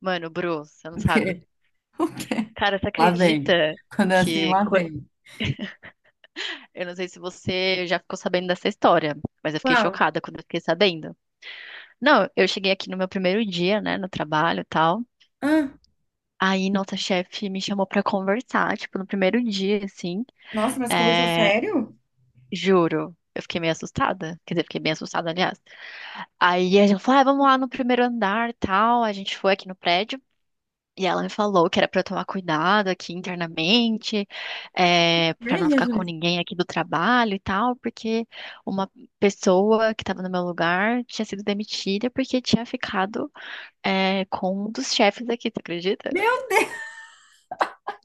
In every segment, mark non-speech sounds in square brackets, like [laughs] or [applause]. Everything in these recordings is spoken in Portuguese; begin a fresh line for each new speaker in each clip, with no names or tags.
Mano, Bru, você não
O quê?
sabe.
O quê?
Cara, você
Lá vem.
acredita
Quando é assim,
que.
lá vem.
Eu não sei se você já ficou sabendo dessa história, mas eu fiquei
Qual?
chocada quando eu fiquei sabendo. Não, eu cheguei aqui no meu primeiro dia, né, no trabalho e tal.
Ah,
Aí nossa chefe me chamou pra conversar, tipo, no primeiro dia, assim.
nossa, mas conversa
É...
sério?
Juro, eu fiquei meio assustada. Quer dizer, fiquei bem assustada, aliás. Aí a gente falou, ah, vamos lá no primeiro andar e tal. A gente foi aqui no prédio. E ela me falou que era para eu tomar cuidado aqui internamente, para não
Vem,
ficar com
Jesus.
ninguém aqui do trabalho e tal, porque uma pessoa que estava no meu lugar tinha sido demitida porque tinha ficado, com um dos chefes aqui, tu acredita?
Meu Deus,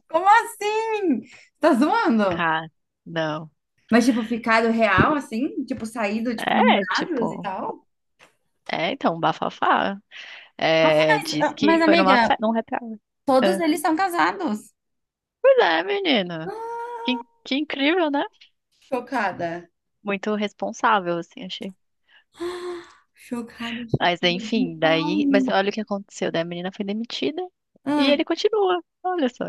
como assim? Tá zoando?
Cara, não.
Mas, tipo, ficado real, assim? Tipo, saído, tipo,
É,
namorados e
tipo,
tal?
é então, bafafá.
Nossa,
É,
mas,
diz
ah, mas
que foi numa
amiga,
festa, num happy hour.
todos
É.
eles são casados.
Pois é, menina. Que, que incrível, né?
Chocada.
Muito responsável, assim, achei.
Chocada,
Mas
chocada
enfim, daí. Mas
demais.
olha o que aconteceu, daí a menina foi demitida e
Ah,
ele continua. Olha só.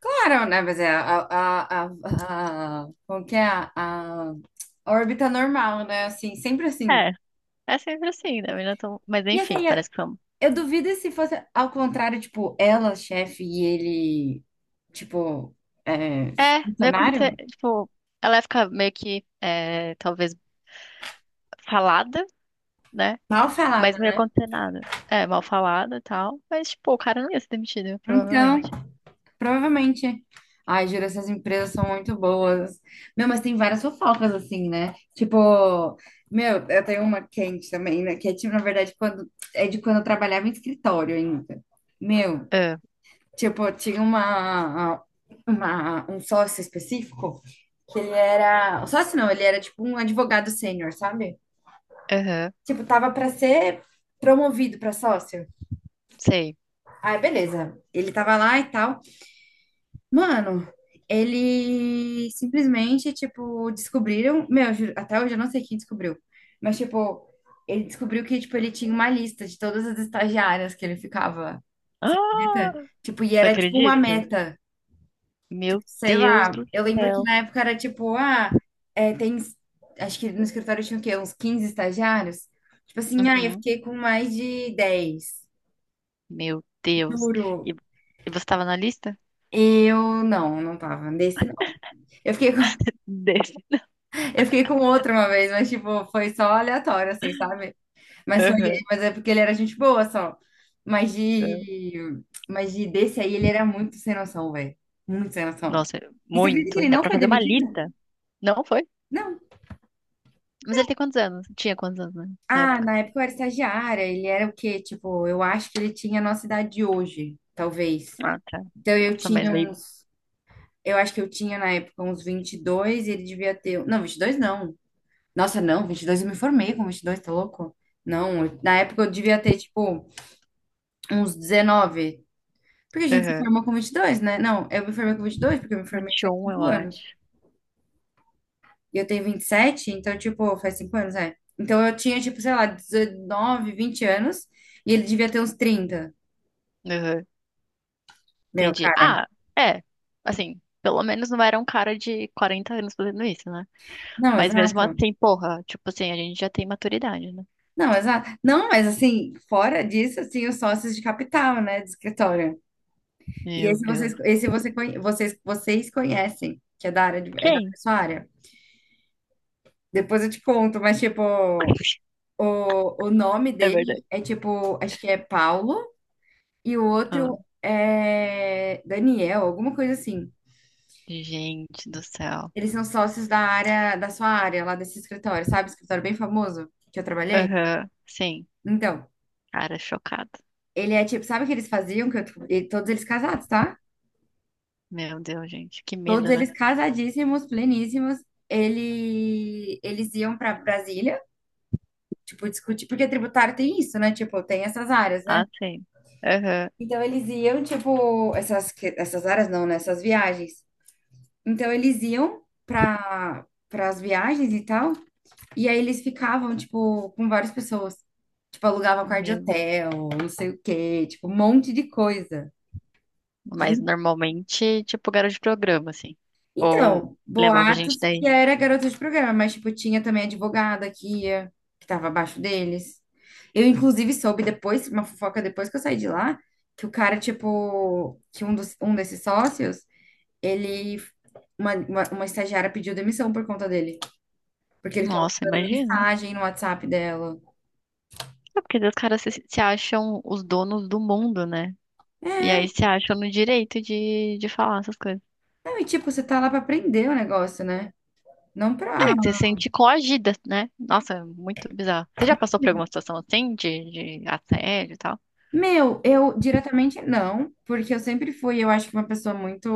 claro, né? Mas é a como que é? A órbita normal, né? Assim, sempre assim.
É, é sempre assim, né? A menina tão... Mas
E
enfim,
assim, eu,
parece que foi.
eu duvido se fosse ao contrário, tipo, ela, chefe, e ele, tipo, é,
É, não ia acontecer.
funcionário?
Tipo, ela ia ficar meio que, talvez, falada, né?
Mal
Mas
falada,
não ia
né?
acontecer nada. É, mal falada e tal. Mas, tipo, o cara não ia ser demitido,
Então,
provavelmente.
provavelmente. Ai, juro, essas empresas são muito boas. Meu, mas tem várias fofocas, assim, né? Tipo, meu, eu tenho uma quente também, né? Que é, tipo, na verdade, quando, é de quando eu trabalhava em escritório ainda. Meu,
Ah,
tipo, tinha um sócio específico que ele era um sócio, não, ele era tipo um advogado sênior, sabe?
aham,
Tipo, tava pra ser promovido pra sócio.
sei.
Aí, beleza. Ele tava lá e tal. Mano, ele simplesmente, tipo, descobriram. Meu, eu juro, até hoje eu não sei quem descobriu. Mas, tipo, ele descobriu que, tipo, ele tinha uma lista de todas as estagiárias que ele ficava. Você acredita?
Ah,
Tipo, e
não
era tipo uma
acredito.
meta. Tipo,
Meu
sei
Deus
lá,
do
eu lembro que
céu.
na época era tipo, ah, tem, acho que no escritório tinha o quê? Uns 15 estagiários? Tipo assim, ah, eu
Uhum,
fiquei com mais de 10,
meu Deus. E,
juro.
e você tava na lista?
Eu não, não tava, desse não. Eu fiquei com, [laughs]
Desse.
eu fiquei com outro uma vez, mas tipo, foi só aleatório, assim, sabe? Mas foi,
Aham,
mas é porque ele era gente boa só. Mas
aham.
de, mas de desse aí, ele era muito sem noção, velho. Muito sem noção.
Nossa,
E você acredita que
muito.
ele
Ainda
não
pra
foi
fazer uma
demitido?
lista. Não foi?
Não.
Mas ele tem quantos anos? Tinha quantos anos né, na
Ah,
época?
na época eu era estagiária, ele era o quê? Tipo, eu acho que ele tinha a nossa idade de hoje, talvez.
Ah, tá.
Então eu
Nossa, mas
tinha
meio.
uns, eu acho que eu tinha na época uns 22 e ele devia ter, um, não, 22 não. Nossa, não, 22, eu me formei com 22, tá louco? Não, na época eu devia ter tipo uns 19 porque a gente se
Aham.
formou com 22, né? Não, eu me formei com 22 porque eu me formei faz
21, eu
5 anos.
acho.
E eu tenho 27, então tipo, faz 5 anos, é. Então eu tinha tipo, sei lá, 19 20 anos e ele devia ter uns 30.
Aham.
Meu,
Entendi.
cara.
Ah, é. Assim, pelo menos não era um cara de 40 anos fazendo isso, né?
Não,
Mas mesmo
exato.
assim, porra, tipo assim, a gente já tem maturidade, né?
Não, exato. Não, mas assim, fora disso, assim, os sócios de capital, né, de escritório. E
Meu
esse vocês,
Deus.
esse você, vocês conhecem, que é da área de, é da
Quem?
sua área. Depois eu te conto, mas tipo,
[laughs]
o nome
É verdade.
dele é tipo, acho que é Paulo e o
Ah,
outro é Daniel, alguma coisa assim.
gente do céu.
Eles são sócios da área, da sua área, lá desse escritório, sabe? Escritório bem famoso que eu trabalhei.
Aham. Sim.
Então,
Cara, chocado.
ele é tipo, sabe o que eles faziam? E todos eles casados, tá?
Meu Deus, gente. Que
Todos
medo, né?
eles casadíssimos, pleníssimos. Eles iam para Brasília, tipo, discutir, porque tributário tem isso, né? Tipo, tem essas áreas, né?
Ah, sim. Aham.
Então eles iam, tipo, essas, essas áreas não, né? Essas viagens. Então eles iam para as viagens e tal, e aí eles ficavam, tipo, com várias pessoas. Tipo, alugavam quarto de
Meu.
hotel, não sei o quê, tipo, um monte de coisa.
Mas normalmente, tipo, garoto de programa, assim. Ou
Então,
levava a gente
boatos que
daí.
era garota de programa, mas, tipo, tinha também advogada que ia, que tava abaixo deles. Eu, inclusive, soube depois, uma fofoca depois que eu saí de lá, que o cara, tipo, que um desses sócios, ele, uma estagiária pediu demissão por conta dele, porque ele ficava
Nossa,
mandando
imagino.
mensagem no WhatsApp dela.
É porque os caras se acham os donos do mundo, né? E aí se acham no direito de falar essas coisas.
Não, e, tipo, você tá lá pra aprender o negócio, né? Não pra.
É, que você se sente coagida, né? Nossa, muito bizarro. Você já passou por alguma situação assim, de assédio e tal?
Meu, eu diretamente não, porque eu sempre fui, eu acho que uma pessoa muito.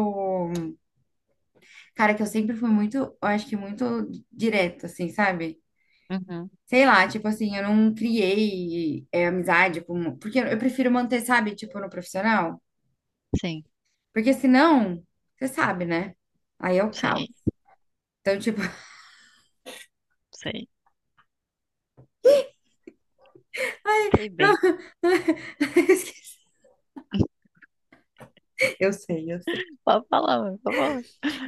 Cara, que eu sempre fui muito, eu acho que muito direta, assim, sabe?
Uhum.
Sei lá, tipo assim, eu não criei amizade, porque eu prefiro manter, sabe, tipo, no profissional.
Sim,
Porque senão, você sabe, né? Aí é o caos.
sei,
Então, tipo,
sei. Sei bem.
[laughs]
[laughs]
eu sei, eu sei.
Pode falar, mano, pode falar.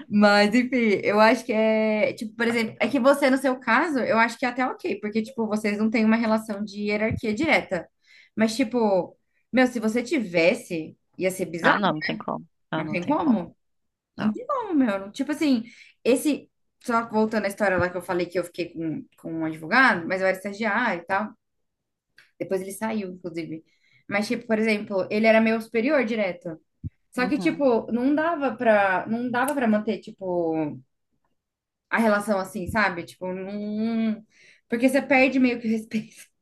Mas, enfim, eu acho que é, tipo, por exemplo, é que você, no seu caso, eu acho que é até ok, porque, tipo, vocês não têm uma relação de hierarquia direta. Mas, tipo, meu, se você tivesse, ia ser
Ah,
bizarro,
não, não tem como. Não,
não
não
tem
tem como.
como. Não
Não.
tem como, meu. Tipo assim, esse. Só voltando à história lá que eu falei que eu fiquei com um advogado, mas eu era estagiária e tal. Depois ele saiu, inclusive. Mas, tipo, por exemplo, ele era meu superior direto. Só que,
Uhum.
tipo, não dava pra manter, tipo, a relação assim, sabe? Tipo, não. Porque você perde meio que o respeito.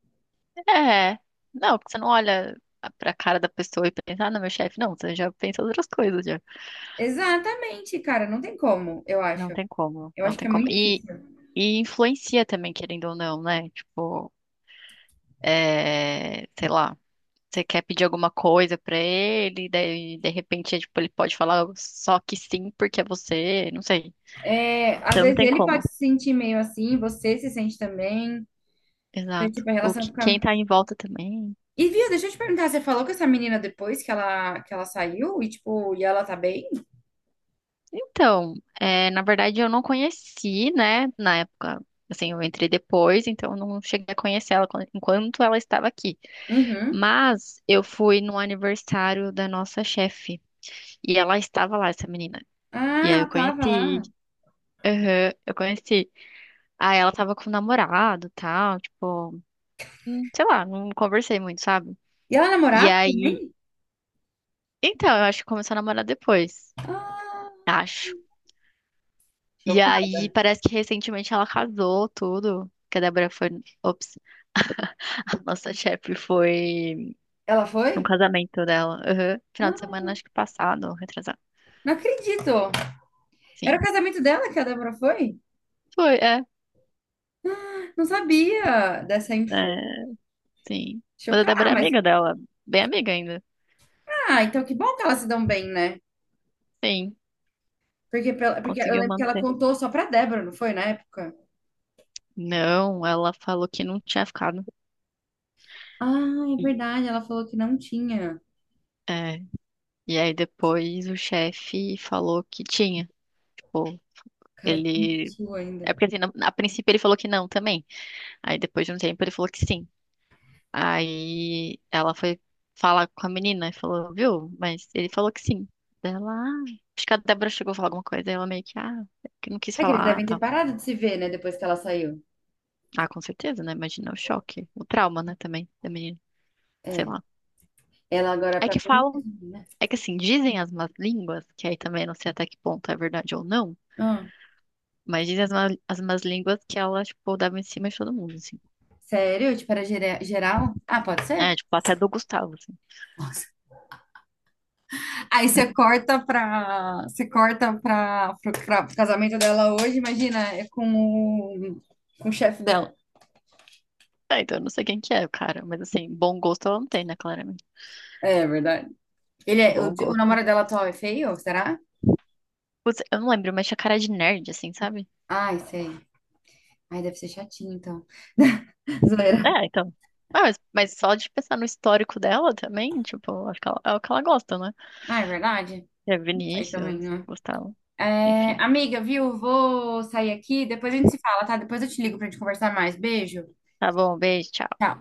É, não, porque você não olha pra cara da pessoa e pensa, ah, não, meu chefe, não, você já pensa outras coisas já.
[laughs] Exatamente, cara. Não tem como, eu
Não
acho.
tem como,
Eu
não
acho que
tem
é
como.
muito difícil.
E influencia também, querendo ou não, né? Tipo, sei lá, você quer pedir alguma coisa pra ele, daí de repente, é, tipo, ele pode falar só que sim porque é você, não sei.
É, às
Então não
vezes
tem
ele
como.
pode se sentir meio assim, você se sente também. Então, tipo,
Exato.
a
O
relação
que,
fica.
quem tá em volta também.
E viu, deixa eu te perguntar, você falou com essa menina depois que ela saiu e, tipo, e ela tá bem?
Então, é, na verdade eu não conheci, né, na época, assim, eu entrei depois, então eu não cheguei a conhecer ela enquanto ela estava aqui.
Uhum.
Mas eu fui no aniversário da nossa chefe e ela estava lá, essa menina. E
Ah,
aí eu
ela tava
conheci,
lá.
aham, eu conheci. Aí ela tava com o namorado, tal, tipo, sei lá, não conversei muito, sabe?
E ela
E
namorava
aí,
também?
então, eu acho que começou a namorar depois,
Ah,
acho. E
chocada.
aí, parece que recentemente ela casou, tudo. Que a Débora foi. Ops, [laughs] a nossa chefe foi
Ela
num
foi?
casamento dela. Aham. Final de
Ah,
semana, acho que passado, retrasado.
não acredito. Era o
Sim.
casamento dela que a Débora foi?
Foi, é.
Não sabia dessa
É,
info.
sim. Mas a
Chocada.
Débora
Ah,
é
mas,
amiga dela, bem amiga ainda.
então que bom que elas se dão bem, né?
Sim,
Porque, porque eu
conseguiu
lembro que ela
manter.
contou só pra Débora, não foi, na época?
Não, ela falou que não tinha ficado.
Ah, é
E-
verdade, ela falou que não tinha.
É. E aí depois o chefe falou que tinha. Tipo,
Cara, que
ele.
mentiu
É
ainda.
porque assim, a princípio ele falou que não também. Aí depois de um tempo ele falou que sim. Aí ela foi falar com a menina e falou, viu? Mas ele falou que sim. Daí ela, ah, acho que a Débora chegou a falar alguma coisa. Aí ela meio que, ah, que não quis
É que eles
falar, ah,
devem ter
tá.
parado de se ver, né? Depois que ela saiu.
Ah, com certeza, né? Imagina o choque, o trauma, né, também da menina, sei
É.
lá.
Ela agora é
É
pra
que
polícia,
falam,
né?
é que assim, dizem as más línguas, que aí também não sei até que ponto é verdade ou não,
Ah,
mas dizem as más línguas que ela, tipo, dava em cima de todo mundo, assim.
sério? Tipo, era geral? Ah, pode ser?
É, tipo, até do Gustavo, assim.
Nossa. Aí você corta pra. Você corta pro casamento dela hoje, imagina, é com o chefe dela.
É, então eu não sei quem que é o cara, mas assim, bom gosto ela não tem, né, claramente.
É, é verdade. Ele é, o,
Bom
o
gosto.
namorado dela atual é feio, será?
Putz, eu não lembro, mas tinha cara de nerd, assim, sabe?
Ai, sei. Ai, deve ser chatinho, então. [laughs]
É,
Zoeira.
então. Ah, mas só de pensar no histórico dela também, tipo, acho que ela, é o que ela gosta, né?
Ah, é verdade?
É
Aí também,
Vinícius,
né?
Gustavo,
É,
enfim.
amiga, viu? Vou sair aqui, depois a gente se fala, tá? Depois eu te ligo pra gente conversar mais. Beijo.
Tá bom, beijo, tchau.
Tchau.